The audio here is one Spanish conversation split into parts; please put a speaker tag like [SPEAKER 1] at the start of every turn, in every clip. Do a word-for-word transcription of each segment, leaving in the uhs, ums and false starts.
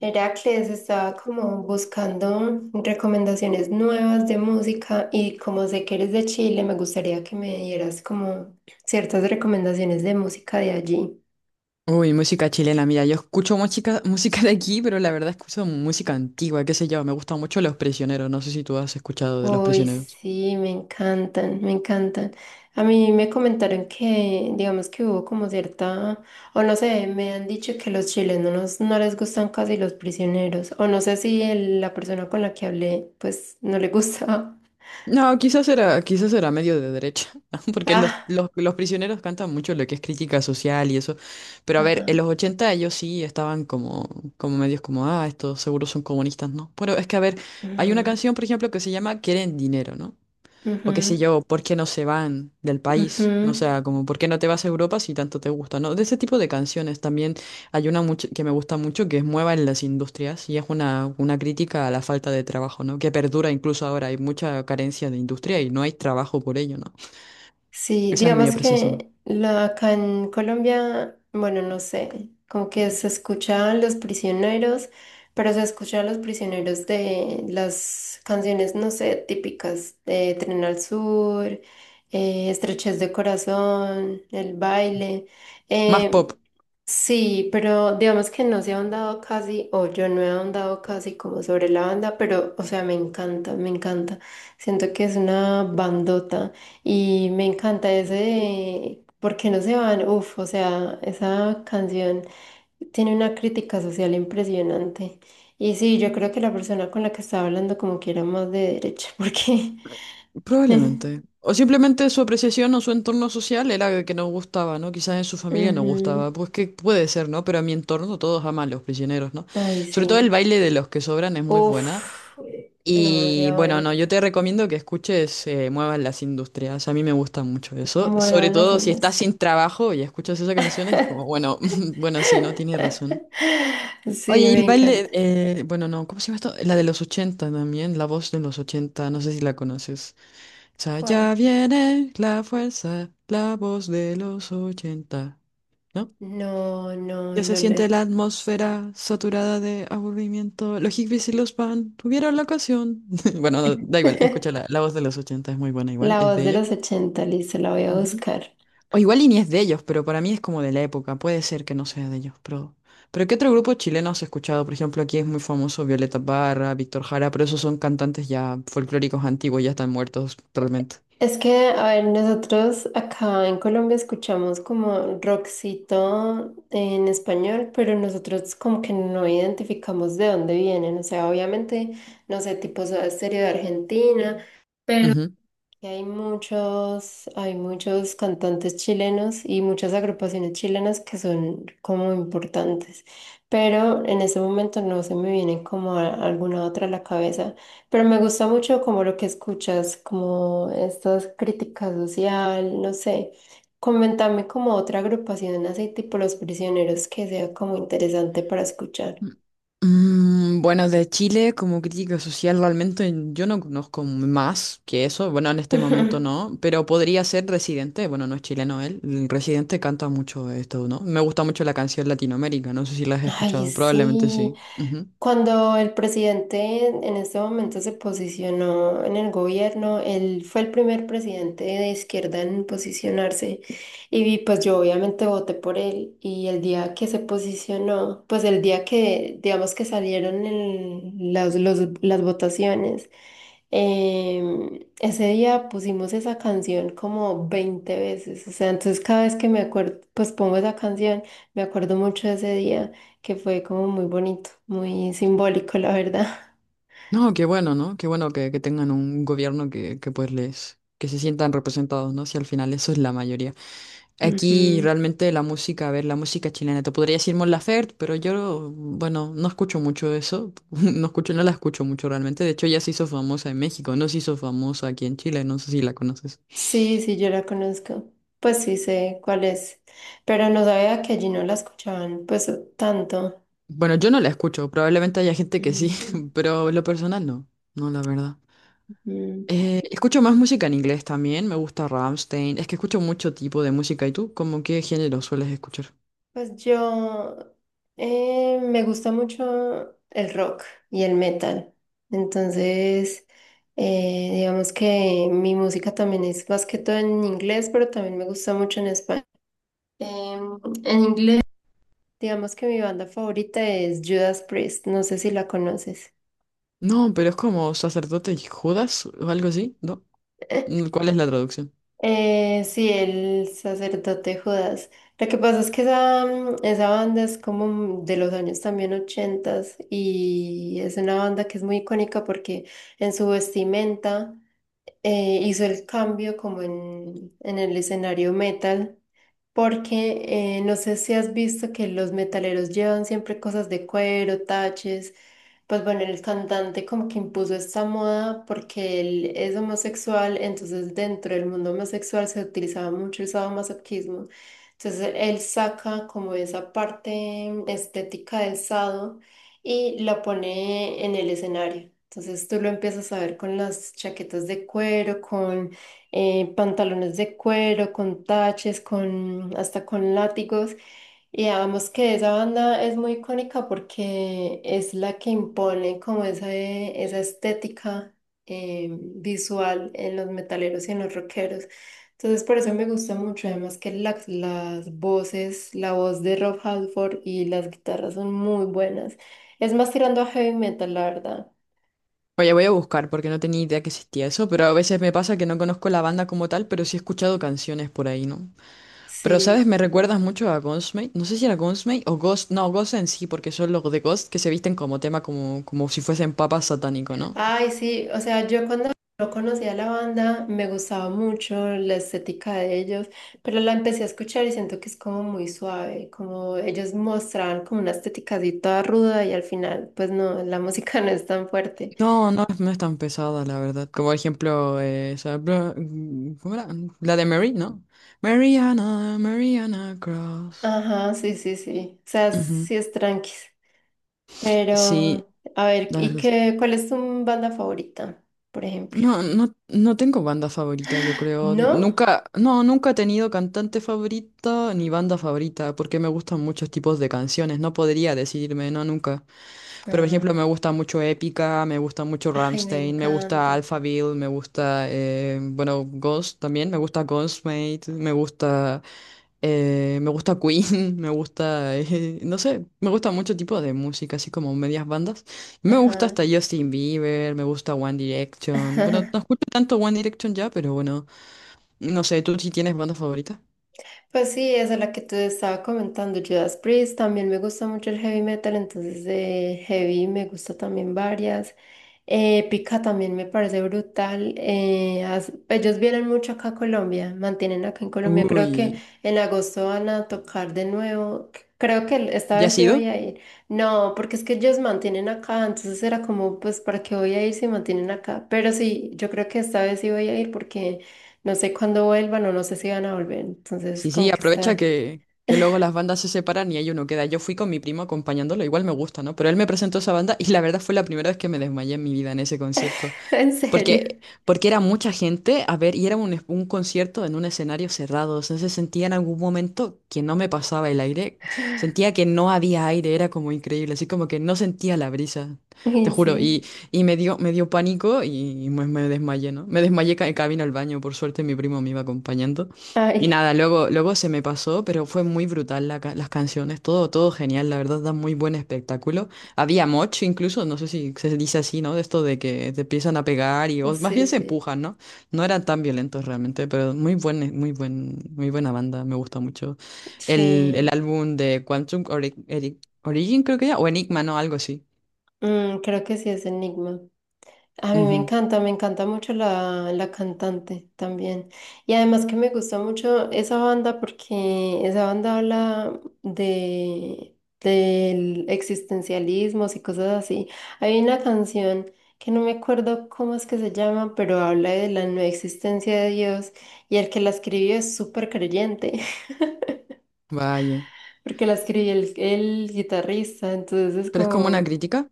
[SPEAKER 1] Heracles estaba como buscando recomendaciones nuevas de música y como sé que eres de Chile, me gustaría que me dieras como ciertas recomendaciones de música de allí.
[SPEAKER 2] Uy, música chilena, mira, yo escucho música, música de aquí, pero la verdad escucho música antigua, qué sé yo, me gustan mucho Los Prisioneros, no sé si tú has escuchado de Los
[SPEAKER 1] Uy,
[SPEAKER 2] Prisioneros.
[SPEAKER 1] sí, me encantan, me encantan. A mí me comentaron que, digamos que hubo como cierta, o no sé, me han dicho que los chilenos no les gustan casi los prisioneros, o no sé si el- la persona con la que hablé, pues no le gustaba.
[SPEAKER 2] No, quizás era, quizás era medio de derecha, porque los,
[SPEAKER 1] Ah,
[SPEAKER 2] los, los prisioneros cantan mucho lo que es crítica social y eso, pero a ver, en
[SPEAKER 1] ajá.
[SPEAKER 2] los ochenta ellos sí estaban como, como medios como, ah, estos seguros son comunistas, ¿no? Pero es que, a ver, hay una
[SPEAKER 1] Ujú,
[SPEAKER 2] canción, por ejemplo, que se llama Quieren Dinero, ¿no? O qué sé
[SPEAKER 1] ujú.
[SPEAKER 2] yo, ¿por qué no se van del
[SPEAKER 1] Ujú.
[SPEAKER 2] país? O sea, como ¿por qué no te vas a Europa si tanto te gusta? ¿No? De ese tipo de canciones también hay una mucho, que me gusta mucho que es Mueva en las industrias y es una, una crítica a la falta de trabajo, ¿no? Que perdura incluso ahora, hay mucha carencia de industria y no hay trabajo por ello, ¿no?
[SPEAKER 1] Sí,
[SPEAKER 2] Esa es mi
[SPEAKER 1] digamos
[SPEAKER 2] apreciación.
[SPEAKER 1] que la, acá en Colombia, bueno, no sé, como que se escucha a los prisioneros, pero se escucha a los prisioneros de las canciones, no sé, típicas de Tren al Sur, eh, Estrechez de Corazón, El Baile.
[SPEAKER 2] Más
[SPEAKER 1] eh,
[SPEAKER 2] pop.
[SPEAKER 1] sí, pero digamos que no se ha ahondado casi, o yo no he ahondado casi como sobre la banda, pero, o sea, me encanta, me encanta. Siento que es una bandota. Y me encanta ese de ¿Por qué no se van? Uf, o sea, esa canción tiene una crítica social impresionante. Y sí, yo creo que la persona con la que estaba hablando como que era más de derecha, porque...
[SPEAKER 2] Probablemente. O simplemente su apreciación o su entorno social era que no gustaba, ¿no? Quizás en su familia no
[SPEAKER 1] Ujú.
[SPEAKER 2] gustaba. Pues que puede ser, ¿no? Pero en mi entorno todos aman los prisioneros, ¿no?
[SPEAKER 1] Ay,
[SPEAKER 2] Sobre todo el
[SPEAKER 1] sí.
[SPEAKER 2] baile de los que sobran es muy buena.
[SPEAKER 1] Uf,
[SPEAKER 2] Y
[SPEAKER 1] demasiado
[SPEAKER 2] bueno,
[SPEAKER 1] buena.
[SPEAKER 2] no, yo te recomiendo que escuches eh, Muevan las Industrias. A mí me gusta mucho eso. Sobre
[SPEAKER 1] Muevan las
[SPEAKER 2] todo si estás
[SPEAKER 1] industrias.
[SPEAKER 2] sin trabajo y escuchas esa canción, es como, bueno, bueno, sí, no tiene razón.
[SPEAKER 1] Sí,
[SPEAKER 2] Oye, y
[SPEAKER 1] me
[SPEAKER 2] el baile,
[SPEAKER 1] encanta.
[SPEAKER 2] eh, bueno, no, ¿cómo se llama esto? La de los ochenta también, la voz de los ochenta no sé si la conoces. Sa- Ya
[SPEAKER 1] ¿Cuál?
[SPEAKER 2] viene la fuerza, la voz de los ochenta. ¿No?
[SPEAKER 1] No, no,
[SPEAKER 2] Ya se
[SPEAKER 1] no
[SPEAKER 2] siente
[SPEAKER 1] le...
[SPEAKER 2] la atmósfera saturada de aburrimiento. Los hippies y los pan tuvieron la ocasión. Bueno, da da igual, escucha la, la voz de los ochenta es muy buena igual,
[SPEAKER 1] La
[SPEAKER 2] es
[SPEAKER 1] voz
[SPEAKER 2] de
[SPEAKER 1] de
[SPEAKER 2] ellos.
[SPEAKER 1] los ochenta listo, la voy a
[SPEAKER 2] Ujú.
[SPEAKER 1] buscar.
[SPEAKER 2] O igual y ni es de ellos, pero para mí es como de la época, puede ser que no sea de ellos, pero... Pero ¿qué otro grupo chileno has escuchado? Por ejemplo, aquí es muy famoso Violeta Parra, Víctor Jara, pero esos son cantantes ya folclóricos antiguos, ya están muertos totalmente.
[SPEAKER 1] Es que, a ver, nosotros acá en Colombia escuchamos como rockcito en español, pero nosotros como que no identificamos de dónde vienen. O sea, obviamente, no sé, tipo Soda Stereo de Argentina, pero que hay muchos, hay muchos cantantes chilenos y muchas agrupaciones chilenas que son como importantes, pero en ese momento no se me viene como a- alguna otra a la cabeza, pero me gusta mucho como lo que escuchas, como estas críticas social, no sé. Coméntame como otra agrupación así tipo Los Prisioneros que sea como interesante para escuchar.
[SPEAKER 2] Mm, bueno, de Chile como crítica social realmente yo no conozco más que eso, bueno, en este momento no, pero podría ser Residente, bueno, no es chileno él, el Residente canta mucho esto, ¿no? Me gusta mucho la canción Latinoamérica, no sé si la has
[SPEAKER 1] Ay,
[SPEAKER 2] escuchado, probablemente
[SPEAKER 1] sí.
[SPEAKER 2] sí.
[SPEAKER 1] Cuando el presidente en en este momento se posicionó en el gobierno, él fue el primer presidente de izquierda en posicionarse y vi- pues yo obviamente voté por él y el día que se posicionó, pues el día que digamos que salieron el- las, los- las votaciones, em, ese día pusimos esa canción como veinte veces, o sea, entonces cada vez que me acuerdo, pues pongo esa canción, me acuerdo mucho de ese día que fue como muy bonito, muy simbólico, la verdad.
[SPEAKER 2] No, qué bueno, ¿no? Qué bueno que, que tengan un gobierno que, que pues les, que se sientan representados, ¿no? Si al final eso es la mayoría. Aquí
[SPEAKER 1] Ujú.
[SPEAKER 2] realmente la música, a ver, la música chilena, te podría decir Mon Laferte, pero yo, bueno, no escucho mucho eso, no escucho, no la escucho mucho realmente, de hecho ya se hizo famosa en México, no se hizo famosa aquí en Chile, no sé si la conoces.
[SPEAKER 1] Sí, sí, yo la conozco. Pues sí sé cuál es, pero no sabía que allí no la escuchaban, pues tanto.
[SPEAKER 2] Bueno, yo no la escucho, probablemente haya gente que sí,
[SPEAKER 1] Mm,
[SPEAKER 2] pero en lo personal no, no, la verdad.
[SPEAKER 1] mm.
[SPEAKER 2] Eh, escucho más música en inglés también, me gusta Rammstein. Es que escucho mucho tipo de música. ¿Y tú, cómo qué género sueles escuchar?
[SPEAKER 1] Pues yo eh, me gusta mucho el rock y el metal. Entonces, eh, digamos que mi música también es más que todo en inglés, pero también me gusta mucho en español. Em, en inglés. Digamos que mi banda favorita es Judas Priest, no sé si la conoces.
[SPEAKER 2] No, pero es como sacerdote y Judas o algo así, ¿no? Mm, ¿cuál es la traducción?
[SPEAKER 1] Eh, sí, el sacerdote Judas. Lo que pasa es que esa, mm, esa banda es como de los años también ochentas y es una banda que es muy icónica porque en su vestimenta eh, hizo el cambio como en, en el escenario metal. Porque eh, no sé si has visto que los metaleros llevan siempre cosas de cuero, taches. Pues bueno, el cantante como que impuso esta moda porque él es homosexual, entonces dentro del mundo homosexual se utilizaba mucho el sadomasoquismo. Entonces él saca como esa parte estética del sado y la pone en el escenario. Entonces tú lo empiezas a ver con las chaquetas de cuero, con eh, pantalones de cuero, con taches, con, hasta con látigos. Y digamos que esa banda es muy icónica porque es la que impone como esa, eh, esa estética eh, visual en los metaleros y en los rockeros. Entonces por eso me gusta mucho, además que las, las voces, la voz de Rob Halford y las guitarras son muy buenas. Es más tirando a heavy metal, la verdad.
[SPEAKER 2] Oye, voy a buscar porque no tenía idea que existía eso, pero a veces me pasa que no conozco la banda como tal, pero sí he escuchado canciones por ahí, ¿no? Pero, ¿sabes?
[SPEAKER 1] Sí.
[SPEAKER 2] Me recuerdas mucho a Ghostmate. No sé si era Ghostmate o Ghost. No, Ghost en sí, porque son los de Ghost que se visten como tema, como, como si fuesen papas satánico, ¿no?
[SPEAKER 1] Ay, sí, o sea, yo cuando no conocía la banda me gustaba mucho la estética de ellos, pero la empecé a escuchar y siento que es como muy suave, como ellos mostraban como una estética así toda ruda y al final, pues no, la música no es tan fuerte.
[SPEAKER 2] No, no, es- no es tan pesada, la verdad. Como por ejemplo, eh, esa bla- mm, ¿cómo era? La de Mary, ¿no? Mariana, Mariana Cross.
[SPEAKER 1] Ajá, sí, sí, sí, o sea,
[SPEAKER 2] Ujú.
[SPEAKER 1] sí es tranquis,
[SPEAKER 2] Sí,
[SPEAKER 1] pero a ver,
[SPEAKER 2] la
[SPEAKER 1] ¿y
[SPEAKER 2] verdad. Sí.
[SPEAKER 1] qué, cuál es tu banda favorita, por ejemplo?
[SPEAKER 2] No, no, no tengo banda favorita, yo creo.
[SPEAKER 1] ¿No?
[SPEAKER 2] Nunca, no, nunca he tenido cantante favorito ni banda favorita, porque me gustan muchos tipos de canciones. No podría decidirme, no, nunca. Pero, por ejemplo, me
[SPEAKER 1] Ah,
[SPEAKER 2] gusta mucho Épica, me gusta mucho
[SPEAKER 1] ay, me
[SPEAKER 2] Rammstein, me gusta
[SPEAKER 1] encanta.
[SPEAKER 2] Alphaville, me gusta, eh, bueno, Ghost también, me gusta Ghostmate, me gusta, eh, me gusta Queen, me gusta, eh, no sé, me gusta mucho tipo de música, así como medias bandas. Me gusta
[SPEAKER 1] Ajá.
[SPEAKER 2] hasta Justin Bieber, me gusta One Direction. Bueno, no escucho tanto One Direction ya, pero bueno, no sé, ¿tú sí tienes banda favorita?
[SPEAKER 1] Pues sí, esa es la que te estaba comentando, Judas Priest, también me gusta mucho el heavy metal, entonces de heavy me gusta también varias. Eh, Pika también me parece brutal. eh, as- ellos vienen mucho acá a Colombia, mantienen acá en Colombia. Creo que
[SPEAKER 2] Uy,
[SPEAKER 1] en agosto van a tocar de nuevo. c- Creo que esta
[SPEAKER 2] ¿ya
[SPEAKER 1] vez
[SPEAKER 2] has
[SPEAKER 1] sí voy
[SPEAKER 2] ido?
[SPEAKER 1] a ir. No, porque es que ellos mantienen acá, entonces era como, pues, ¿para qué voy a ir si mantienen acá? Pero sí, yo creo que esta vez sí voy a ir porque... No sé cuándo vuelvan o no sé si van a volver. Entonces,
[SPEAKER 2] Sí, sí,
[SPEAKER 1] como que
[SPEAKER 2] aprovecha
[SPEAKER 1] está
[SPEAKER 2] que, que luego las bandas se separan y ahí uno queda. Yo fui con mi primo acompañándolo, igual me gusta, ¿no? Pero él me presentó esa banda y la verdad fue la primera vez que me desmayé en mi vida en ese concierto.
[SPEAKER 1] en serio.
[SPEAKER 2] Porque, porque era mucha gente, a ver, y era un, es- un concierto en un escenario cerrado. Entonces sentía en algún momento que no me pasaba el aire, sentía que no había aire, era como increíble, así como que no sentía la brisa, te
[SPEAKER 1] Y
[SPEAKER 2] juro.
[SPEAKER 1] sí.
[SPEAKER 2] Y, y me dio, me dio pánico y me, me desmayé, ¿no? Me desmayé ca- en camino al baño, por suerte mi primo me iba acompañando. Y
[SPEAKER 1] Ay,
[SPEAKER 2] nada, luego, luego se me pasó, pero fue muy brutal la ca- las canciones, todo, todo genial, la verdad, da muy buen espectáculo. Había moch incluso, no sé si se dice así, ¿no? De esto de que te empiezan a pegar y
[SPEAKER 1] no
[SPEAKER 2] o más
[SPEAKER 1] sé,
[SPEAKER 2] bien se
[SPEAKER 1] sí.
[SPEAKER 2] empujan, ¿no? No eran tan violentos realmente, pero muy buen, muy buen, muy buena banda, me gusta mucho. El, el
[SPEAKER 1] Sí.
[SPEAKER 2] álbum de Quantum Ori- Eri- Origin, creo que era, o Enigma, ¿no? Algo así.
[SPEAKER 1] Mm, creo que sí es Enigma. A mí me
[SPEAKER 2] Ujú.
[SPEAKER 1] encanta, me encanta mucho la, la cantante también. Y además que me gusta mucho esa banda porque esa banda habla de, del existencialismo y cosas así. Hay una canción que no me acuerdo cómo es que se llama, pero habla de la no existencia de Dios y el que la escribió es súper creyente
[SPEAKER 2] Vaya.
[SPEAKER 1] porque la escribió el, el guitarrista, entonces es
[SPEAKER 2] Pero es como una
[SPEAKER 1] como...
[SPEAKER 2] crítica.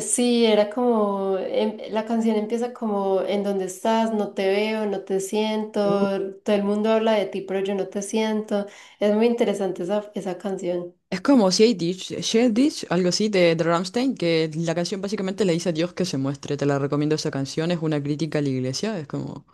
[SPEAKER 1] Sí, era como, em- la canción empieza como, ¿en dónde estás? No te veo, no te siento, todo el mundo habla de ti, pero yo no te siento. Es muy interesante esa, esa canción.
[SPEAKER 2] Es como Shade Ditch, Shade Ditch, algo así de, de Rammstein, que la canción básicamente le dice a Dios que se muestre. Te la recomiendo esa canción, es una crítica a la iglesia, es como,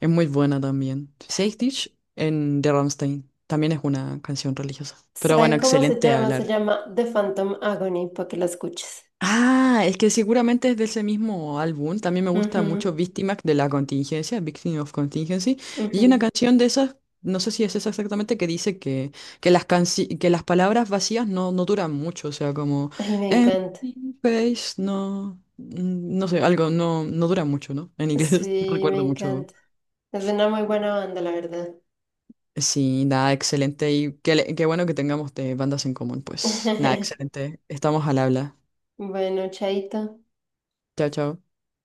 [SPEAKER 2] es muy buena también. Shade Ditch en de Rammstein, también es una canción religiosa. Pero bueno,
[SPEAKER 1] ¿Sabe cómo se
[SPEAKER 2] excelente
[SPEAKER 1] llama? Se
[SPEAKER 2] hablar.
[SPEAKER 1] llama The Phantom Agony, para que la escuches.
[SPEAKER 2] Ah, es que seguramente es de ese mismo álbum. También me gusta mucho
[SPEAKER 1] Ujú,
[SPEAKER 2] Víctimas de la Contingencia, Victim of Contingency. Y hay una
[SPEAKER 1] ujú.
[SPEAKER 2] canción de esas, no sé si es esa exactamente, que dice que, que, las, canci- que las palabras vacías no, no duran mucho. O sea, como
[SPEAKER 1] Ay, me encanta.
[SPEAKER 2] empty space, no, mm, no sé, algo no, no dura mucho, ¿no? En inglés no
[SPEAKER 1] Sí, me
[SPEAKER 2] recuerdo mucho.
[SPEAKER 1] encanta. Es una muy buena banda, la verdad.
[SPEAKER 2] Sí, nada, excelente. Y qué, le- qué bueno que tengamos de bandas en común, pues. Nada, excelente. Estamos al habla.
[SPEAKER 1] Bueno, chaito.
[SPEAKER 2] Chao, chao.